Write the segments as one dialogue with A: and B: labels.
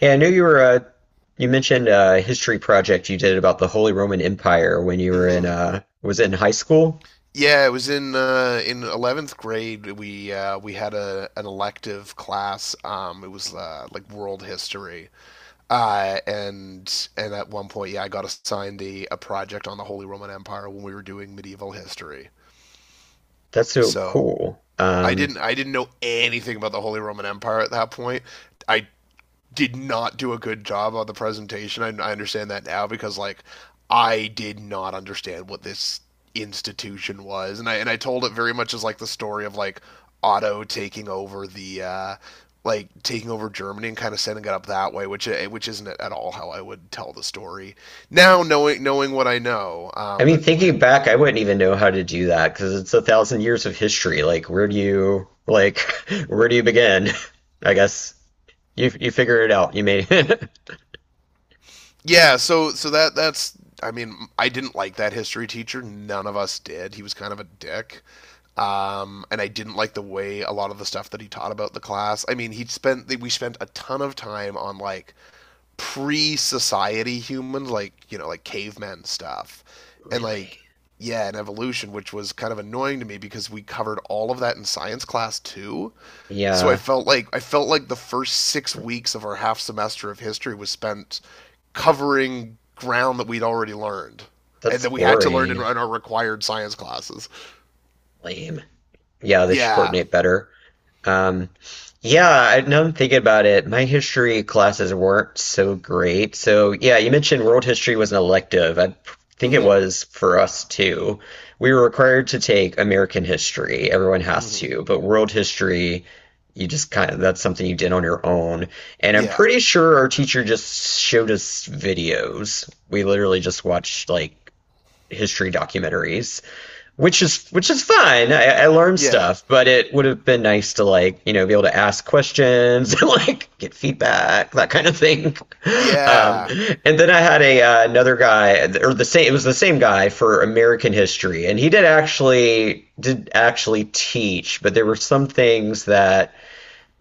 A: Yeah, I knew you were you mentioned a history project you did about the Holy Roman Empire when you were in
B: hmm
A: was it in high school?
B: Yeah, it was in 11th grade. We had a an elective class. It was like world history. And at one point, yeah, I got assigned a project on the Holy Roman Empire when we were doing medieval history.
A: That's so
B: So
A: cool.
B: I didn't I didn't know anything about the Holy Roman Empire at that point. I did not do a good job on the presentation. I understand that now because like I did not understand what this institution was, and I told it very much as like the story of like Otto taking over the like taking over Germany and kind of setting it up that way, which which isn't at all how I would tell the story now, knowing what I know.
A: I mean,
B: But my
A: thinking back, I wouldn't even know how to do that because it's a thousand years of history. Like, where do you where do you begin? I guess you figure it out. You may
B: yeah, so so that that's I mean I didn't like that history teacher. None of us did. He was kind of a dick. And I didn't like the way a lot of the stuff that he taught about the class. I mean, he spent we spent a ton of time on like pre-society humans, like you know, like cavemen stuff, and
A: really.
B: like yeah, and evolution, which was kind of annoying to me because we covered all of that in science class too. So I
A: Yeah,
B: felt like I felt like the first 6 weeks of our half semester of history was spent covering ground that we'd already learned and
A: that's
B: that we had to learn in,
A: boring.
B: in our required science classes.
A: Lame. Yeah, they should
B: Yeah.
A: coordinate better. Um, yeah, now I'm thinking about it, my history classes weren't so great. So, yeah, you mentioned world history was an elective. I think it
B: Mm-hmm.
A: was for us too. We were required to take American history. Everyone has
B: Mm-hmm.
A: to, but world history, you just kind of, that's something you did on your own. And I'm
B: Yeah.
A: pretty sure our teacher just showed us videos. We literally just watched like history documentaries, which is fine. I learned
B: Yeah.
A: stuff, but it would have been nice to like be able to ask questions and like get feedback, that kind of thing. Um,
B: Yeah.
A: and then I had a another guy or the same it was the same guy for American history, and he did actually teach, but there were some things that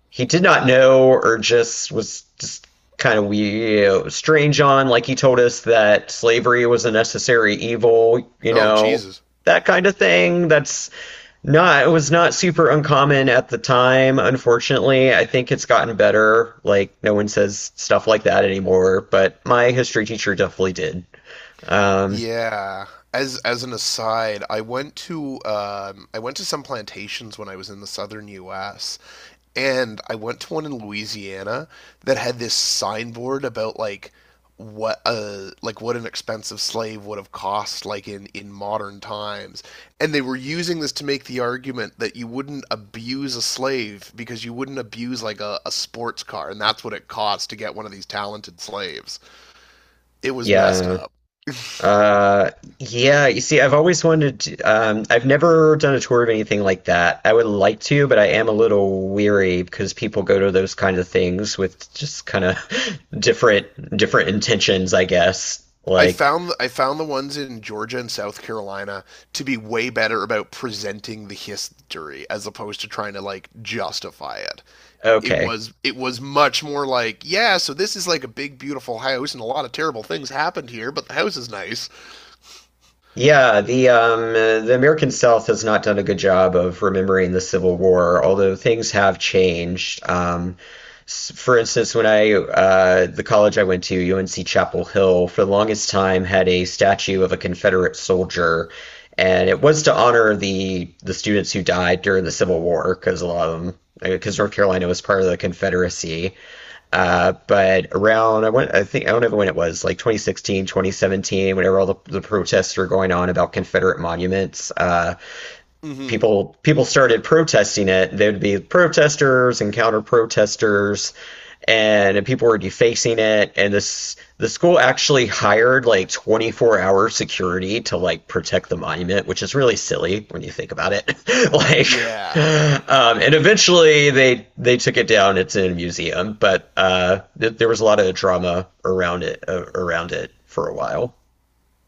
A: he did not know or just was just kind of we strange on, like he told us that slavery was a necessary evil, you
B: Oh,
A: know,
B: Jesus.
A: that kind of thing. That's not, it was not super uncommon at the time, unfortunately. I think it's gotten better. Like, no one says stuff like that anymore, but my history teacher definitely did. um
B: Yeah. As an aside, I went to some plantations when I was in the southern US. And I went to one in Louisiana that had this signboard about like what an expensive slave would have cost like in modern times, and they were using this to make the argument that you wouldn't abuse a slave because you wouldn't abuse like a sports car, and that's what it costs to get one of these talented slaves. It was messed
A: yeah.
B: up.
A: Uh, yeah, you see, I've always wanted to. I've never done a tour of anything like that. I would like to, but I am a little weary because people go to those kind of things with just kind of different intentions, I guess.
B: i
A: Like,
B: found i found the ones in Georgia and South Carolina to be way better about presenting the history as opposed to trying to like justify it. It
A: okay.
B: was much more like, yeah, so this is like a big beautiful house and a lot of terrible things happened here, but the house is nice.
A: Yeah, the American South has not done a good job of remembering the Civil War, although things have changed. For instance, when I the college I went to, UNC Chapel Hill, for the longest time had a statue of a Confederate soldier, and it was to honor the students who died during the Civil War, because a lot of them, because North Carolina was part of the Confederacy. But around, I think, I don't know when it was, like 2016, 2017, whenever all the protests were going on about Confederate monuments,
B: Mm-hmm.
A: people started protesting it. There'd be protesters and counter protesters, and people were defacing it. And this the school actually hired like 24-hour security to like protect the monument, which is really silly when you think about it. Like,
B: Yeah,
A: and eventually they took it down. It's in a museum, but there was a lot of drama around it, for a while.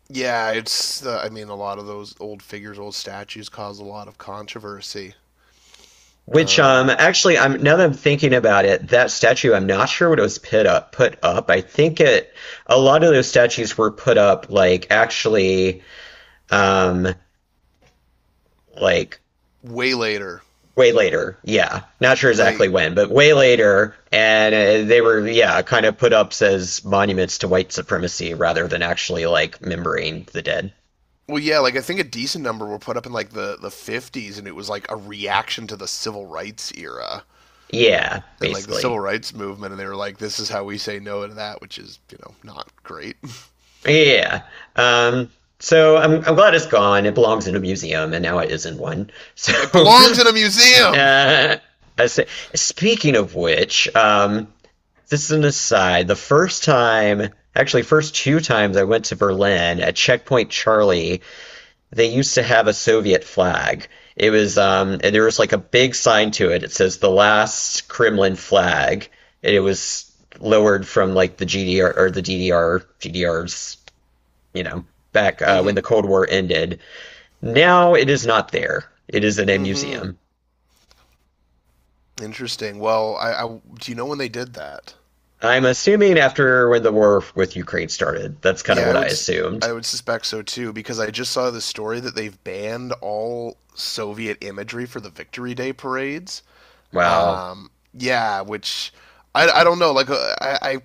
B: yeah, it's I mean, a lot of those old figures, old statues cause a lot of controversy.
A: Which,
B: um
A: actually, I'm now that I'm thinking about it, that statue, I'm not sure what it was put up. I think it, a lot of those statues were put up like actually, um like
B: Way later.
A: way later. Yeah. Not sure exactly
B: Like,
A: when, but way later, and they were, yeah, kind of put up as monuments to white supremacy rather than actually like remembering the dead.
B: well, yeah, like I think a decent number were put up in like the 50s and it was like a reaction to the civil rights era
A: Yeah,
B: and like the civil
A: basically.
B: rights movement, and they were like, this is how we say no to that, which is you know not great.
A: Yeah. Um so I'm glad it's gone. It belongs in a museum and now it is in one.
B: It
A: So
B: belongs in a museum.
A: Uh, I say, speaking of which, this is an aside. The first time, actually, first two times I went to Berlin, at Checkpoint Charlie, they used to have a Soviet flag. It was, and there was like a big sign to it. It says the last Kremlin flag. And it was lowered from like the GDR, or the DDR, GDR's, you know, back when the
B: Mm-hmm.
A: Cold War ended. Now it is not there. It is in a
B: Mm-hmm.
A: museum.
B: Interesting. Well, I do you know when they did that?
A: I'm assuming after when the war with Ukraine started. That's kind of
B: Yeah,
A: what I assumed.
B: I would suspect so too because I just saw the story that they've banned all Soviet imagery for the Victory Day parades.
A: Wow.
B: Yeah, which I don't know. Like I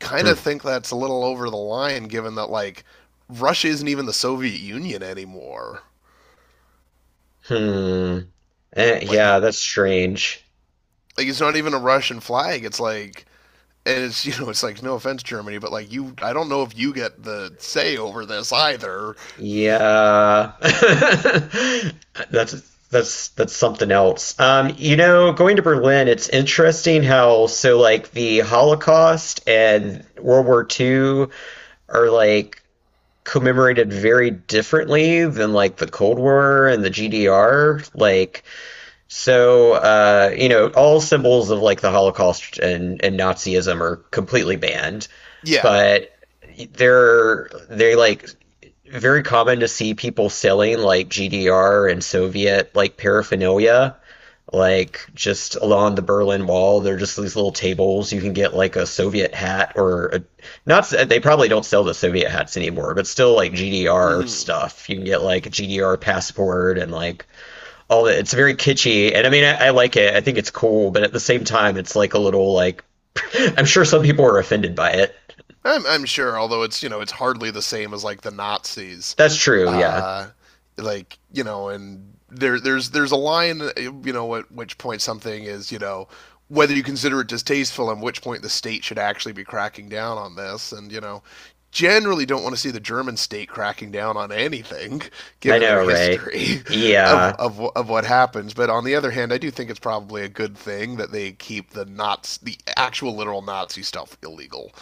B: kind of
A: Hmm.
B: think that's a little over the line, given that like Russia isn't even the Soviet Union anymore.
A: Hmm. Eh,
B: Like
A: yeah, that's strange.
B: like it's not even a Russian flag. It's like, and it's you know it's like no offense Germany, but like you, I don't know if you get the say over this either.
A: Yeah. That's that's something else. You know, going to Berlin, it's interesting how like the Holocaust and World War II are like commemorated very differently than like the Cold War and the GDR. Like, so, you know, all symbols of like the Holocaust and Nazism are completely banned,
B: Yeah.
A: but they're they like very common to see people selling like GDR and Soviet like paraphernalia, like just along the Berlin Wall. They're just these little tables. You can get like a Soviet hat, not. They probably don't sell the Soviet hats anymore, but still like GDR
B: hmm
A: stuff. You can get like a GDR passport and like all that. It's very kitschy, and I mean, I like it. I think it's cool, but at the same time, it's like a little like I'm sure some people are offended by it.
B: I'm sure, although it's you know it's hardly the same as like the Nazis.
A: That's true. Yeah,
B: uh, like you know, and there's a line you know at which point something is you know whether you consider it distasteful, and which point the state should actually be cracking down on this, and you know generally don't want to see the German state cracking down on anything,
A: I
B: given their
A: know, right?
B: history of,
A: Yeah,
B: of of what happens. But on the other hand, I do think it's probably a good thing that they keep the Nazi, the actual literal Nazi stuff illegal.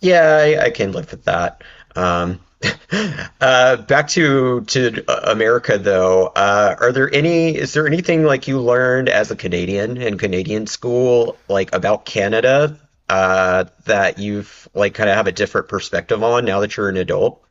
A: yeah, I can live with that. Um, back to America though. Are there any? Is there anything like you learned as a Canadian in Canadian school, like about Canada, that you've like kind of have a different perspective on now that you're an adult?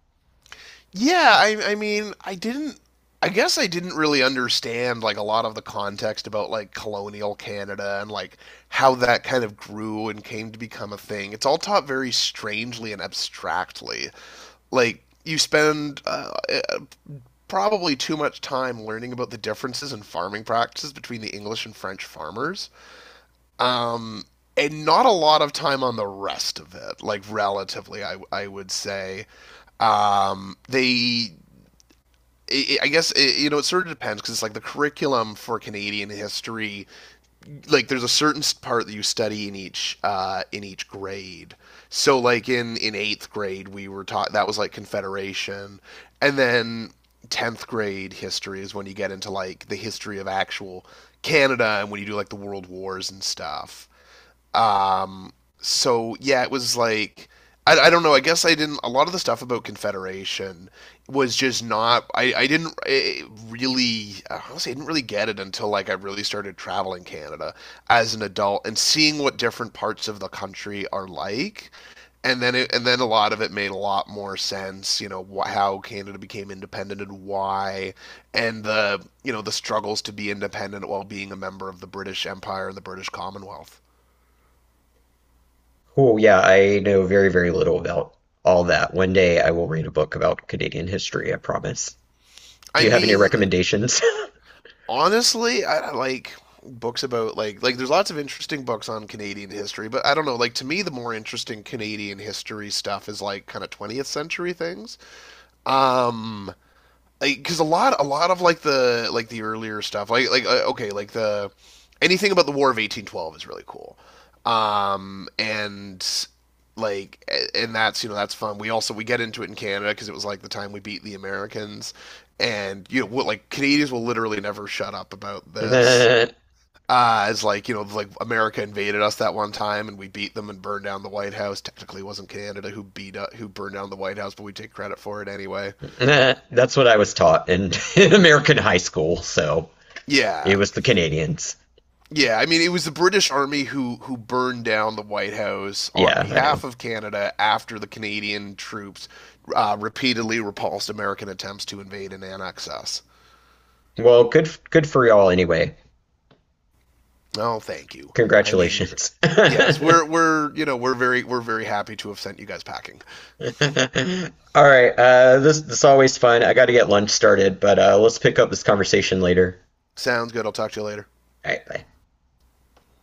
B: Yeah, I mean, I guess I didn't really understand like a lot of the context about like colonial Canada and like how that kind of grew and came to become a thing. It's all taught very strangely and abstractly. Like you spend probably too much time learning about the differences in farming practices between the English and French farmers. Um, and not a lot of time on the rest of it, like relatively, I would say. Um, they I guess it, you know it sort of depends because it's like the curriculum for Canadian history. Like there's a certain part that you study in each grade. So like in eighth grade we were taught that was like Confederation, and then tenth grade history is when you get into like the history of actual Canada and when you do like the World Wars and stuff. Um, so yeah, it was like I don't know. I guess I didn't. A lot of the stuff about Confederation was just not. I didn't eh, really. Honestly, I didn't really get it until like I really started traveling Canada as an adult and seeing what different parts of the country are like. And then it, and then a lot of it made a lot more sense. You know how Canada became independent and why, and the you know the struggles to be independent while being a member of the British Empire and the British Commonwealth.
A: Cool. Yeah, I know very, very little about all that. One day I will read a book about Canadian history, I promise. Do
B: I
A: you have any
B: mean,
A: recommendations?
B: honestly, I like books about like there's lots of interesting books on Canadian history, but I don't know, like to me the more interesting Canadian history stuff is like kind of 20th century things. Um, like because a lot of like the earlier stuff like the anything about the war of 1812 is really cool. Um, and like, and that's you know that's fun. We also we get into it in Canada because it was like the time we beat the Americans, and you know what, like Canadians will literally never shut up about this.
A: Nah,
B: Uh, as like you know like America invaded us that one time and we beat them and burned down the White House. Technically it wasn't Canada who beat up who burned down the White House but we take credit for it anyway.
A: nah. That's what I was taught in, in American high school, so
B: Yeah.
A: it was the Canadians.
B: Yeah, I mean, it was the British Army who burned down the White House on
A: Yeah, I know.
B: behalf of Canada after the Canadian troops repeatedly repulsed American attempts to invade and annex us.
A: Well, good good for y'all anyway.
B: Oh, thank you. I mean,
A: Congratulations.
B: yes,
A: All
B: we're you know we're very happy to have sent you guys packing.
A: right, this is always fun. I got to get lunch started, but let's pick up this conversation later.
B: Sounds good. I'll talk to you later.
A: All right, bye.